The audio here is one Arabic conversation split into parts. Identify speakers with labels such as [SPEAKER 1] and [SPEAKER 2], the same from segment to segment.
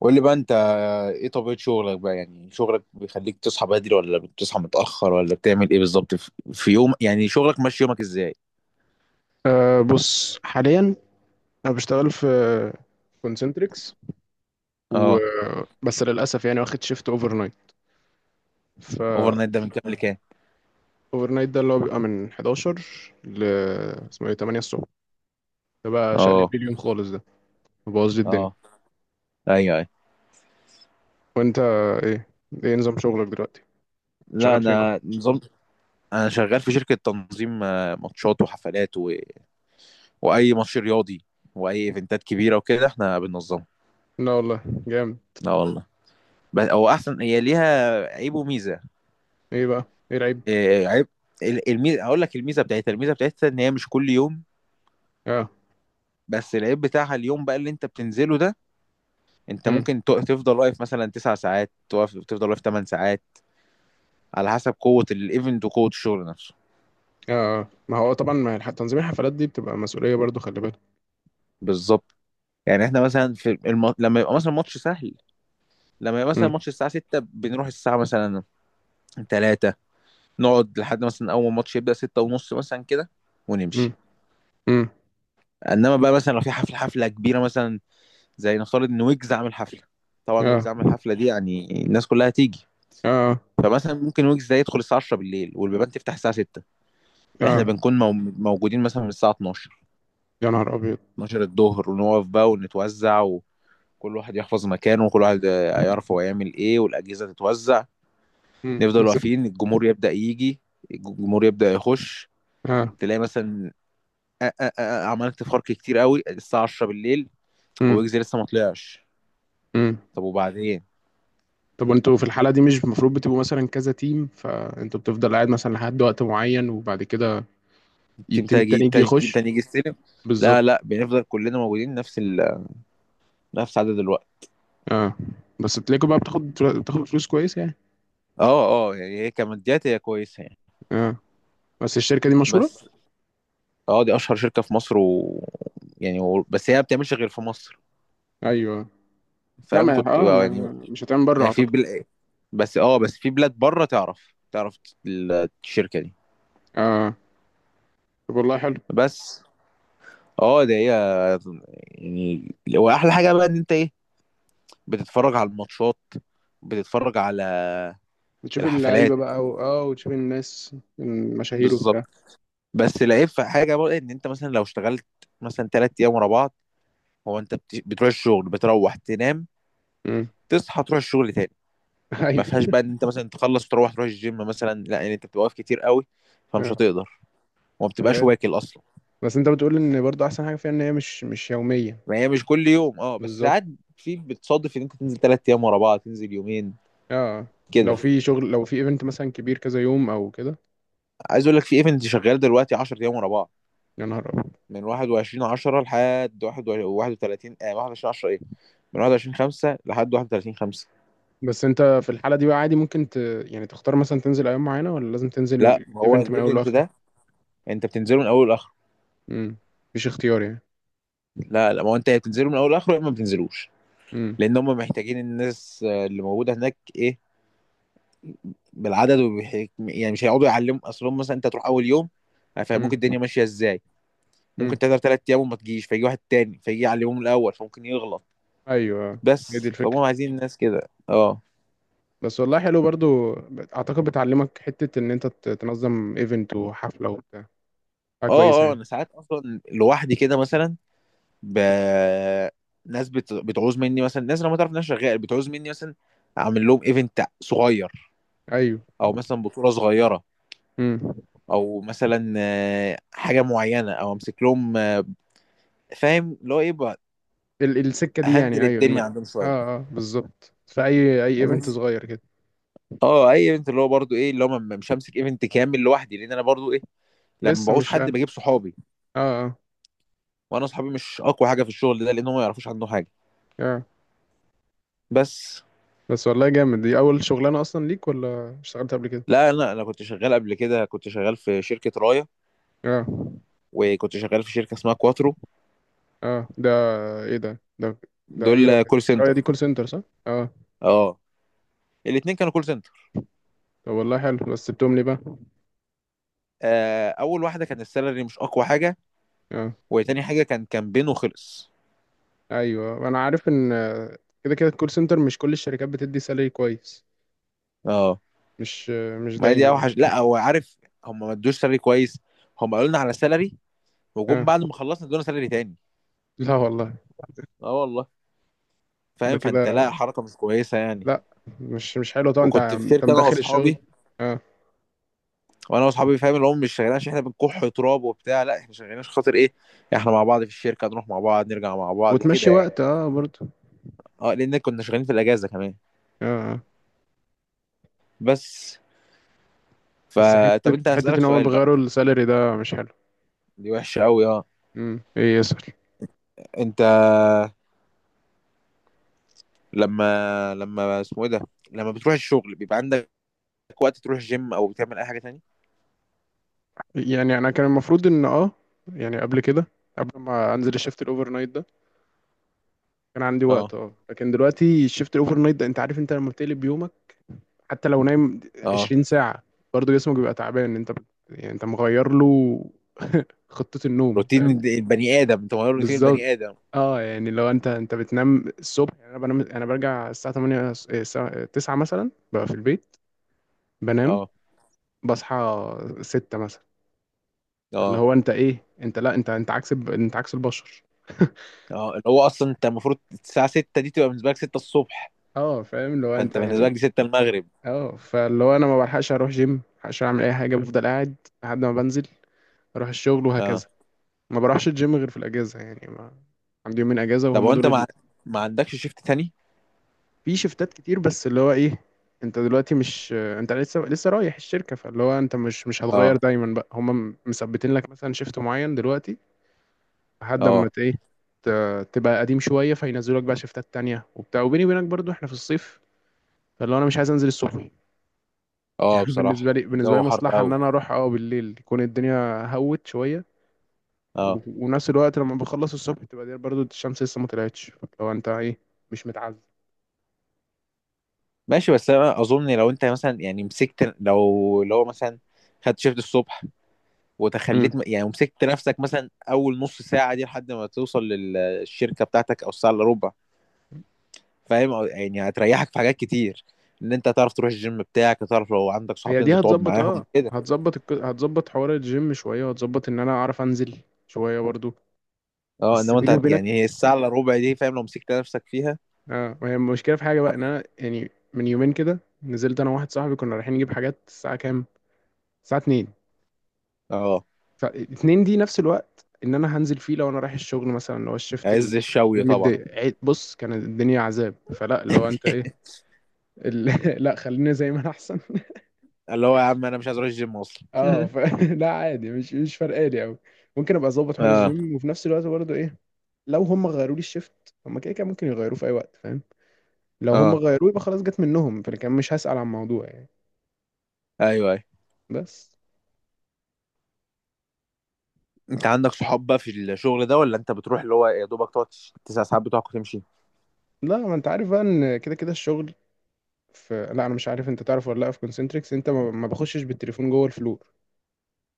[SPEAKER 1] قول لي بقى انت، ايه طبيعة شغلك بقى؟ يعني شغلك بيخليك تصحى بدري، ولا بتصحى متأخر، ولا بتعمل ايه بالظبط في يوم؟ يعني شغلك ماشي، يومك ازاي؟
[SPEAKER 2] بص حاليا، انا بشتغل في كونسنتريكس و
[SPEAKER 1] اه.
[SPEAKER 2] بس للاسف يعني واخد شيفت اوفر نايت. ف
[SPEAKER 1] اوفر نايت ده من كام لكام؟
[SPEAKER 2] اوفر نايت ده اللي هو بيبقى من 11 ل اسمه ايه 8 الصبح. ده بقى شقلب
[SPEAKER 1] اه.
[SPEAKER 2] لي اليوم خالص، ده مبوظ لي الدنيا.
[SPEAKER 1] اه. ايوه، ايوه.
[SPEAKER 2] وانت، ايه ايه نظام شغلك دلوقتي؟
[SPEAKER 1] لا،
[SPEAKER 2] شغال فين اصلا؟
[SPEAKER 1] انا نظام. انا شغال في شركة تنظيم ماتشات وحفلات و... واي ماتش رياضي، واي ايفنتات كبيرة وكده احنا بننظمها.
[SPEAKER 2] لا والله جامد.
[SPEAKER 1] لا والله. بس او احسن، هي ليها عيب وميزة.
[SPEAKER 2] ايه بقى، ايه العيب؟
[SPEAKER 1] إيه عيب. الميزة هقول لك، الميزة بتاعتها ان هي مش كل يوم.
[SPEAKER 2] اه.
[SPEAKER 1] بس العيب بتاعها اليوم بقى اللي انت بتنزله ده. انت
[SPEAKER 2] امم.
[SPEAKER 1] ممكن تفضل واقف مثلا 9 ساعات، توقف تفضل واقف 8 ساعات، على حسب قوة الايفنت وقوة الشغل نفسه.
[SPEAKER 2] اه. آه. ما هو طبعا، ما الح- تنظيم الحفلات دي بتبقى مسؤوليه برضو، خلي بالك.
[SPEAKER 1] بالظبط. يعني احنا مثلا لما يبقى مثلا ماتش سهل، لما يبقى مثلا
[SPEAKER 2] امم.
[SPEAKER 1] ماتش الساعة 6 بنروح الساعة مثلا 3، نقعد لحد مثلا أول ما الماتش يبدأ 6 ونص مثلا كده
[SPEAKER 2] امم.
[SPEAKER 1] ونمشي.
[SPEAKER 2] امم.
[SPEAKER 1] انما بقى مثلا لو في حفله كبيره مثلا، زي نفترض ان ويجز عامل حفله. طبعا ويجز
[SPEAKER 2] اه.
[SPEAKER 1] عامل حفله دي يعني الناس كلها هتيجي.
[SPEAKER 2] اه.
[SPEAKER 1] فمثلا ممكن ويجز ده يدخل الساعه 10 بالليل والبيبان تفتح الساعه 6، احنا
[SPEAKER 2] اه.
[SPEAKER 1] بنكون موجودين مثلا من الساعة
[SPEAKER 2] يا نهار ابيض.
[SPEAKER 1] 12 الظهر، ونقف بقى ونتوزع، وكل واحد يحفظ مكانه، وكل واحد يعرف هو يعمل ايه، والأجهزة تتوزع.
[SPEAKER 2] مم.
[SPEAKER 1] نفضل
[SPEAKER 2] بس.
[SPEAKER 1] واقفين، الجمهور يبدأ يجي، الجمهور يبدأ يخش.
[SPEAKER 2] اه.
[SPEAKER 1] تلاقي مثلا عملت فرق كتير قوي الساعة 10 بالليل،
[SPEAKER 2] امم.
[SPEAKER 1] ويجزي لسه ما طلعش.
[SPEAKER 2] امم.
[SPEAKER 1] طب وبعدين؟
[SPEAKER 2] طب وانتوا في الحالة دي مش المفروض بتبقوا مثلا كذا تيم، فانتوا بتفضل قاعد مثلا لحد وقت معين، وبعد كده التيم التاني يجي
[SPEAKER 1] التيم
[SPEAKER 2] يخش؟
[SPEAKER 1] تاني يجي يستلم.
[SPEAKER 2] بالظبط.
[SPEAKER 1] لا، لا، بنفضل كلنا موجودين نفس نفس عدد الوقت.
[SPEAKER 2] اه، بس بتلاقوا بقى، بتاخد فلوس كويس يعني؟
[SPEAKER 1] اه. اه، يعني هي كماديات، هي كويسة يعني.
[SPEAKER 2] اه، بس الشركة دي مشهورة؟
[SPEAKER 1] بس. اه، دي اشهر شركه في مصر و... يعني و... بس هي ما بتعملش غير في مصر.
[SPEAKER 2] ايوه. لا
[SPEAKER 1] فاهم
[SPEAKER 2] ما
[SPEAKER 1] كنت
[SPEAKER 2] اه
[SPEAKER 1] يعني.
[SPEAKER 2] ما مش هتعمل بره
[SPEAKER 1] يعني
[SPEAKER 2] اعتقد.
[SPEAKER 1] بس اه بس في بلاد بره، تعرف، تعرف الشركه دي.
[SPEAKER 2] اه، طب والله حلو.
[SPEAKER 1] بس. اه، ده هي يعني، واحلى حاجه بقى ان انت ايه، بتتفرج على الماتشات، بتتفرج على
[SPEAKER 2] بتشوف
[SPEAKER 1] الحفلات.
[SPEAKER 2] اللعيبة بقى و... اه وتشوف الناس المشاهير
[SPEAKER 1] بالظبط.
[SPEAKER 2] وبتاع.
[SPEAKER 1] بس العيب في حاجه بقى ان انت مثلا لو اشتغلت مثلا 3 ايام ورا بعض، هو انت بتروح الشغل، بتروح تنام،
[SPEAKER 2] امم.
[SPEAKER 1] تصحى تروح الشغل تاني. ما فيهاش
[SPEAKER 2] ايوه.
[SPEAKER 1] بقى ان انت مثلا تخلص وتروح الجيم مثلا، لا يعني انت بتبقى واقف كتير قوي، فمش
[SPEAKER 2] اه.
[SPEAKER 1] هتقدر، وما بتبقاش
[SPEAKER 2] غير.
[SPEAKER 1] واكل اصلا.
[SPEAKER 2] بس انت بتقول ان برضو احسن حاجة فيها ان هي مش يومية؟
[SPEAKER 1] ما هي مش كل يوم اه، بس ساعات
[SPEAKER 2] بالظبط.
[SPEAKER 1] في بتصادف ان انت تنزل 3 ايام ورا بعض، تنزل يومين،
[SPEAKER 2] اه، لو
[SPEAKER 1] كده.
[SPEAKER 2] في شغل، لو في ايفنت مثلا كبير كذا يوم او كده؟
[SPEAKER 1] عايز اقول لك في ايفنت شغال دلوقتي 10 ايام ورا بعض،
[SPEAKER 2] يا نهار أبيض.
[SPEAKER 1] من 21 10 لحد 31 21 10 ايه، من 21 5 لحد 31 5.
[SPEAKER 2] بس انت في الحالة دي بقى عادي ممكن يعني تختار مثلا تنزل ايام معينة، ولا لازم تنزل
[SPEAKER 1] لا ما هو
[SPEAKER 2] الايفنت من اوله
[SPEAKER 1] الايفنت
[SPEAKER 2] لاخره؟
[SPEAKER 1] ده، انت بتنزله من اول لاخره.
[SPEAKER 2] امم، مفيش اختيار يعني.
[SPEAKER 1] لا، لا، ما هو انت يا بتنزله من اول لاخره، يا اما ما بتنزلوش.
[SPEAKER 2] امم.
[SPEAKER 1] لان هم محتاجين الناس اللي موجوده هناك ايه، بالعدد يعني مش هيقعدوا يعلموا اصلهم، مثلا انت هتروح اول يوم هيفهموك
[SPEAKER 2] امم.
[SPEAKER 1] الدنيا ماشيه ازاي. ممكن
[SPEAKER 2] امم.
[SPEAKER 1] تقدر 3 ايام وما تجيش فيجي واحد تاني فيجي يعلمهم الاول فممكن يغلط.
[SPEAKER 2] ايوه. آه. هي دي
[SPEAKER 1] بس فهم
[SPEAKER 2] الفكرة.
[SPEAKER 1] عايزين الناس كده، اه
[SPEAKER 2] بس والله حلو برضو. اعتقد بتعلمك حتة ان انت تنظم ايفنت وحفلة وبتاع، حاجة كويسة
[SPEAKER 1] اه. اه،
[SPEAKER 2] يعني.
[SPEAKER 1] انا ساعات اصلا لوحدي كده، مثلا ب... ناس بتعوز مني، مثلا ناس انا ما تعرف، ناس شغال بتعوز مني مثلا اعمل لهم ايفنت صغير،
[SPEAKER 2] ايوه.
[SPEAKER 1] او مثلا بطوله صغيره،
[SPEAKER 2] امم.
[SPEAKER 1] او مثلا حاجه معينه، او امسك لهم فاهم اللي هو ايه بقى،
[SPEAKER 2] السكة دي يعني،
[SPEAKER 1] هندل
[SPEAKER 2] ايوه،
[SPEAKER 1] الدنيا
[SPEAKER 2] اه.
[SPEAKER 1] عندهم شويه.
[SPEAKER 2] اه، بالظبط، في اي ايفنت
[SPEAKER 1] بس.
[SPEAKER 2] صغير كده.
[SPEAKER 1] اه، اي ايفنت اللي هو برضو ايه، اللي هو مش همسك ايفنت كامل لوحدي لان انا برضو ايه، لما
[SPEAKER 2] لسه
[SPEAKER 1] بعوز
[SPEAKER 2] مش،
[SPEAKER 1] حد
[SPEAKER 2] اه.
[SPEAKER 1] بجيب صحابي.
[SPEAKER 2] اه.
[SPEAKER 1] وانا صحابي مش اقوى حاجه في الشغل ده لان هم ما يعرفوش عنه حاجه.
[SPEAKER 2] آه.
[SPEAKER 1] بس.
[SPEAKER 2] بس والله جامد، دي اول شغلانه اصلا ليك ولا اشتغلت قبل كده؟
[SPEAKER 1] لا، انا كنت شغال قبل كده، كنت شغال في شركه رايا،
[SPEAKER 2] اه.
[SPEAKER 1] وكنت شغال في شركه اسمها كواترو.
[SPEAKER 2] اه. ده ايه ده، ده ايه
[SPEAKER 1] دول
[SPEAKER 2] رايك إيه
[SPEAKER 1] كول
[SPEAKER 2] رايك
[SPEAKER 1] سنتر.
[SPEAKER 2] دي كول سنتر صح؟ اه.
[SPEAKER 1] اه، الاتنين كانوا كول سنتر.
[SPEAKER 2] طب والله حلو، بس بتملي بقى؟
[SPEAKER 1] اول واحده كان السالري مش اقوى حاجه،
[SPEAKER 2] اه.
[SPEAKER 1] وتاني حاجه كان كامبين وخلص.
[SPEAKER 2] ايوه، انا عارف ان آه، كده كده الكول سنتر مش كل الشركات بتدي سالري كويس.
[SPEAKER 1] اه،
[SPEAKER 2] مش آه، مش
[SPEAKER 1] ما هي دي
[SPEAKER 2] دايما يعني.
[SPEAKER 1] اوحش، لا هو عارف. هم ما ادوش سالري كويس، هم قالوا لنا على سالري،
[SPEAKER 2] اه.
[SPEAKER 1] وجم بعد ما خلصنا ادونا سالري تاني.
[SPEAKER 2] لا والله.
[SPEAKER 1] اه والله.
[SPEAKER 2] ده
[SPEAKER 1] فاهم، فانت لا
[SPEAKER 2] كده،
[SPEAKER 1] حركه مش كويسه يعني.
[SPEAKER 2] لا، مش حلو طبعا، انت
[SPEAKER 1] وكنت في
[SPEAKER 2] انت
[SPEAKER 1] شركه انا
[SPEAKER 2] مدخل الشغل.
[SPEAKER 1] واصحابي،
[SPEAKER 2] اه،
[SPEAKER 1] وانا واصحابي فاهم اللي هم مش شغالين عشان احنا بنكح تراب وبتاع، لا احنا شغالين عشان خاطر ايه، احنا مع بعض في الشركه، نروح مع بعض، نرجع مع بعض كده
[SPEAKER 2] وتمشي
[SPEAKER 1] يعني.
[SPEAKER 2] وقت، اه برضه.
[SPEAKER 1] اه لان كنا شغالين في الاجازه كمان.
[SPEAKER 2] اه. آه.
[SPEAKER 1] بس.
[SPEAKER 2] بس حته
[SPEAKER 1] فطب انت
[SPEAKER 2] حته
[SPEAKER 1] هسألك
[SPEAKER 2] ان هم
[SPEAKER 1] سؤال بقى.
[SPEAKER 2] بيغيروا السالري ده مش حلو.
[SPEAKER 1] دي وحشه قوي اه.
[SPEAKER 2] امم. ايه يسأل؟
[SPEAKER 1] انت لما، اسمه ايه ده، لما بتروح الشغل بيبقى عندك وقت تروح الجيم او بتعمل اي حاجه تاني؟
[SPEAKER 2] يعني انا كان المفروض ان اه، يعني قبل كده، قبل ما انزل الشيفت الاوفر نايت ده كان عندي وقت،
[SPEAKER 1] اه.
[SPEAKER 2] اه. لكن دلوقتي الشيفت الاوفر نايت ده، انت عارف، انت لما بتقلب يومك حتى لو نايم
[SPEAKER 1] اه،
[SPEAKER 2] 20 ساعة برضه جسمك بيبقى تعبان. انت يعني انت مغير له خطة النوم،
[SPEAKER 1] روتين
[SPEAKER 2] فاهم.
[SPEAKER 1] البني ادم، انت مغير روتين البني
[SPEAKER 2] بالظبط.
[SPEAKER 1] ادم.
[SPEAKER 2] اه، يعني لو انت بتنام الصبح يعني. انا بنام، انا برجع الساعة 8، الساعة 9 مثلا ببقى في البيت، بنام،
[SPEAKER 1] اه.
[SPEAKER 2] بصحى 6 مثلا. اللي
[SPEAKER 1] اه.
[SPEAKER 2] هو انت ايه، انت لا، انت عكس انت عكس البشر.
[SPEAKER 1] اه، اللي هو اصلا انت المفروض الساعه 6 دي تبقى بالنسبه لك 6 الصبح،
[SPEAKER 2] اه، فاهم اللي هو انت
[SPEAKER 1] فانت بالنسبه لك
[SPEAKER 2] يعني.
[SPEAKER 1] دي 6 المغرب.
[SPEAKER 2] اه، فاللي هو انا ما بلحقش اروح جيم، ما بلحقش اعمل اي حاجه، بفضل قاعد لحد ما بنزل اروح الشغل
[SPEAKER 1] اه،
[SPEAKER 2] وهكذا. ما بروحش الجيم غير في الاجازه، يعني ما عندي يومين اجازه
[SPEAKER 1] طب
[SPEAKER 2] وهم
[SPEAKER 1] وانت
[SPEAKER 2] دول
[SPEAKER 1] ما، ما عندكش شيفت تاني؟
[SPEAKER 2] في شفتات كتير، بس اللي هو ايه، انت دلوقتي مش انت لسه رايح الشركه، فاللي هو انت مش هتغير
[SPEAKER 1] اه.
[SPEAKER 2] دايما بقى، هم مثبتين لك مثلا شيفت معين دلوقتي لحد اما
[SPEAKER 1] اه.
[SPEAKER 2] تبقى قديم شويه، فينزلوا لك بقى شيفتات تانية وبتاع. وبيني وبينك برضو احنا في الصيف، فاللي هو انا مش عايز انزل الصبح
[SPEAKER 1] اه،
[SPEAKER 2] يعني.
[SPEAKER 1] بصراحه
[SPEAKER 2] بالنسبه لي
[SPEAKER 1] الجو حر
[SPEAKER 2] مصلحه ان
[SPEAKER 1] قوي.
[SPEAKER 2] انا اروح اه بالليل، يكون الدنيا هوت شويه.
[SPEAKER 1] اه.
[SPEAKER 2] و- ونفس الوقت لما بخلص الصبح تبقى دي برضو الشمس لسه ما طلعتش، لو انت ايه، مش متعذب.
[SPEAKER 1] ماشي، بس انا اظن لو انت مثلا يعني مسكت، لو مثلا خدت شيفت الصبح،
[SPEAKER 2] امم.
[SPEAKER 1] وتخليت يعني ومسكت نفسك مثلا اول نص ساعه دي لحد ما توصل للشركه بتاعتك او الساعه الا ربع، فاهم، يعني هتريحك في حاجات كتير، ان انت تعرف تروح الجيم بتاعك، تعرف لو عندك صحاب
[SPEAKER 2] هي دي
[SPEAKER 1] تنزل تقعد
[SPEAKER 2] هتظبط،
[SPEAKER 1] معاهم.
[SPEAKER 2] هتظبط حوار الجيم شويه، وهتظبط ان انا اعرف انزل شويه برضو.
[SPEAKER 1] اه،
[SPEAKER 2] بس
[SPEAKER 1] انما انت
[SPEAKER 2] بيني وبينك،
[SPEAKER 1] يعني هي الساعه الا ربع دي فاهم لو مسكت نفسك فيها.
[SPEAKER 2] اه، ما هي المشكله في حاجه بقى، ان انا يعني من يومين كده نزلت انا وواحد صاحبي كنا رايحين نجيب حاجات الساعه كام، الساعه 2.
[SPEAKER 1] اه،
[SPEAKER 2] فاتنين دي نفس الوقت ان انا هنزل فيه لو انا رايح الشغل مثلا، اللي هو الشيفت
[SPEAKER 1] عز الشوي طبعا.
[SPEAKER 2] الميداي، بص كانت الدنيا عذاب. فلا، اللي هو انت ايه، ال... لا خلينا زي ما انا احسن.
[SPEAKER 1] اللي هو يا عم انا مش عايز اروح الجيم اصلا.
[SPEAKER 2] اه، لا عادي، مش فارقالي قوي. ممكن ابقى اظبط حوار
[SPEAKER 1] اه.
[SPEAKER 2] الجيم، وفي نفس الوقت برضه ايه، لو هم غيروا لي الشيفت هم كده كده ممكن يغيروه في اي وقت، فاهم. لو هم
[SPEAKER 1] اه.
[SPEAKER 2] غيروه يبقى خلاص جت منهم، فانا كان مش هسأل عن الموضوع يعني.
[SPEAKER 1] ايوه، ايوه.
[SPEAKER 2] بس.
[SPEAKER 1] انت عندك صحاب بقى في الشغل ده، ولا انت بتروح اللي هو يا دوبك تقعد 9 ساعات بتوعك وتمشي؟
[SPEAKER 2] لا، ما انت عارف بقى ان كده كده الشغل. في، لا انا مش عارف انت تعرف ولا لا، في كونسنتريكس انت ما بخشش بالتليفون جوه الفلور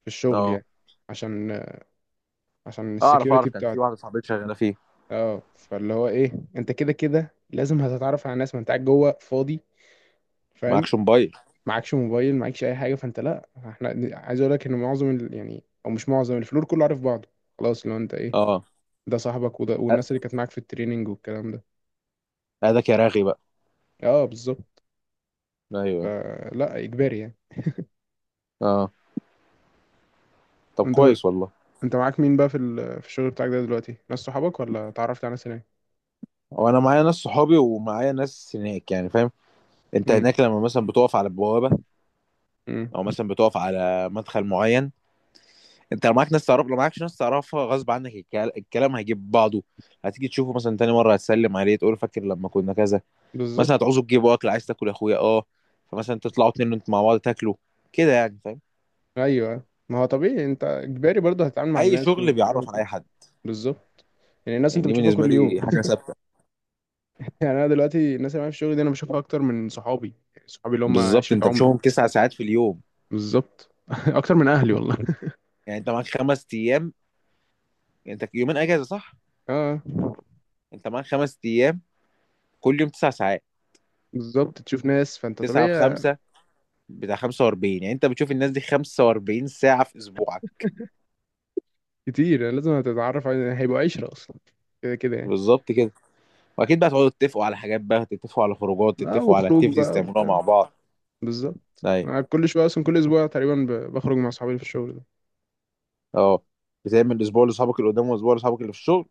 [SPEAKER 2] في الشغل
[SPEAKER 1] اه،
[SPEAKER 2] يعني، عشان عشان السكيورتي
[SPEAKER 1] اعرف، كان في
[SPEAKER 2] بتاعتي.
[SPEAKER 1] واحده صاحبتي شغاله فيه.
[SPEAKER 2] اه، فاللي هو ايه، انت كده كده لازم هتتعرف على ناس ما انت قاعد جوه فاضي، فاهم.
[SPEAKER 1] معكش موبايل؟
[SPEAKER 2] معكش موبايل، معكش اي حاجه، فانت لا، احنا عايز اقول لك ان معظم يعني او مش معظم، الفلور كله عارف بعضه. خلاص لو انت ايه،
[SPEAKER 1] اه،
[SPEAKER 2] ده صاحبك وده، والناس اللي كانت معاك في التريننج والكلام ده.
[SPEAKER 1] هذاك يا راغي بقى.
[SPEAKER 2] اه، بالظبط،
[SPEAKER 1] ايوه.
[SPEAKER 2] فلا اجباري يعني.
[SPEAKER 1] اه، طب
[SPEAKER 2] انت
[SPEAKER 1] كويس والله.
[SPEAKER 2] انت معاك مين بقى في في الشغل بتاعك ده دلوقتي؟ ناس صحابك، ولا اتعرفت على ناس هناك؟
[SPEAKER 1] وانا معايا ناس صحابي ومعايا ناس هناك يعني، فاهم؟ انت
[SPEAKER 2] امم.
[SPEAKER 1] هناك لما مثلا بتقف على البوابه، او
[SPEAKER 2] امم.
[SPEAKER 1] مثلا بتقف على مدخل معين، انت لو معاك ناس تعرف، لو معاكش ناس تعرفها غصب عنك، الكلام هيجيب بعضه. هتيجي تشوفه مثلا تاني مره هتسلم عليه، تقول فاكر لما كنا كذا مثلا،
[SPEAKER 2] بالظبط.
[SPEAKER 1] هتعوزه تجيبه اكل، عايز تاكل يا اخويا اه، فمثلا تطلعوا اتنين انتوا مع بعض تاكلوا كده يعني، فاهم.
[SPEAKER 2] ايوه، ما هو طبيعي، انت اجباري برضه هتتعامل مع
[SPEAKER 1] اي
[SPEAKER 2] الناس
[SPEAKER 1] شغل
[SPEAKER 2] وتروح
[SPEAKER 1] بيعرف على اي
[SPEAKER 2] وتيجي.
[SPEAKER 1] حد.
[SPEAKER 2] بالظبط، يعني الناس
[SPEAKER 1] يعني
[SPEAKER 2] انت
[SPEAKER 1] دي
[SPEAKER 2] بتشوفها
[SPEAKER 1] بالنسبه
[SPEAKER 2] كل يوم.
[SPEAKER 1] لي حاجه ثابته.
[SPEAKER 2] يعني انا دلوقتي الناس اللي معايا في الشغل دي انا بشوفها اكتر من صحابي، يعني صحابي اللي هم
[SPEAKER 1] بالظبط
[SPEAKER 2] عشرة
[SPEAKER 1] انت
[SPEAKER 2] عمري.
[SPEAKER 1] بتشوفهم 9 ساعات في اليوم.
[SPEAKER 2] بالظبط. اكتر من اهلي والله.
[SPEAKER 1] يعني انت معاك 5 ايام، يعني انت يومين اجازه صح.
[SPEAKER 2] اه،
[SPEAKER 1] انت معاك خمس ايام، كل يوم 9 ساعات،
[SPEAKER 2] بالظبط، تشوف ناس، فانت
[SPEAKER 1] تسعة في
[SPEAKER 2] طبيعي
[SPEAKER 1] خمسة بتاع 45. يعني انت بتشوف الناس دي 45 ساعة في اسبوعك.
[SPEAKER 2] كتير، يعني لازم هتتعرف على هيبقوا عشرة اصلا كده كده يعني.
[SPEAKER 1] بالظبط كده. واكيد بقى تقعدوا تتفقوا على حاجات بقى، تتفقوا على خروجات،
[SPEAKER 2] اه،
[SPEAKER 1] تتفقوا على
[SPEAKER 2] وخروج
[SPEAKER 1] اكتيفيتيز
[SPEAKER 2] بقى
[SPEAKER 1] تعملوها
[SPEAKER 2] وبتاع.
[SPEAKER 1] مع بعض.
[SPEAKER 2] بالظبط،
[SPEAKER 1] ايوه.
[SPEAKER 2] انا كل شويه اصلا كل اسبوع تقريبا بخرج مع صحابي في الشغل.
[SPEAKER 1] اه. بتعمل اسبوع لاصحابك اللي قدام واسبوع لاصحابك اللي في الشغل.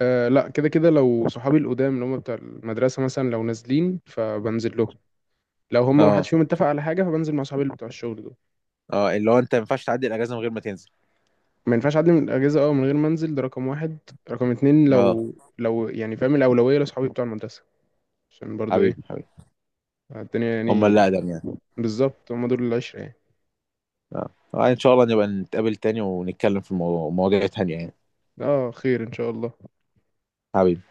[SPEAKER 2] أه، لا، كده كده لو صحابي القدام اللي هم بتوع المدرسة مثلا لو نازلين فبنزل لهم. لو هم ما
[SPEAKER 1] اه.
[SPEAKER 2] حدش فيهم اتفق على حاجة فبنزل مع صحابي اللي بتوع الشغل دول.
[SPEAKER 1] اه، اللي هو انت ما ينفعش تعدي الاجازه من غير ما تنزل.
[SPEAKER 2] ما ينفعش أعدي من الأجازة اه من غير ما أنزل، ده رقم واحد. رقم اتنين،
[SPEAKER 1] اه.
[SPEAKER 2] لو يعني فاهم، الأولوية لصحابي بتوع المدرسة عشان برضو إيه،
[SPEAKER 1] حبيبي، حبيبي.
[SPEAKER 2] الدنيا
[SPEAKER 1] هم اللي
[SPEAKER 2] يعني.
[SPEAKER 1] اقدم يعني.
[SPEAKER 2] بالظبط، هم دول العشرة يعني.
[SPEAKER 1] اه، ان شاء الله نبقى نتقابل تاني ونتكلم في مواضيع تانية يعني.
[SPEAKER 2] اه، خير إن شاء الله.
[SPEAKER 1] حبيبي.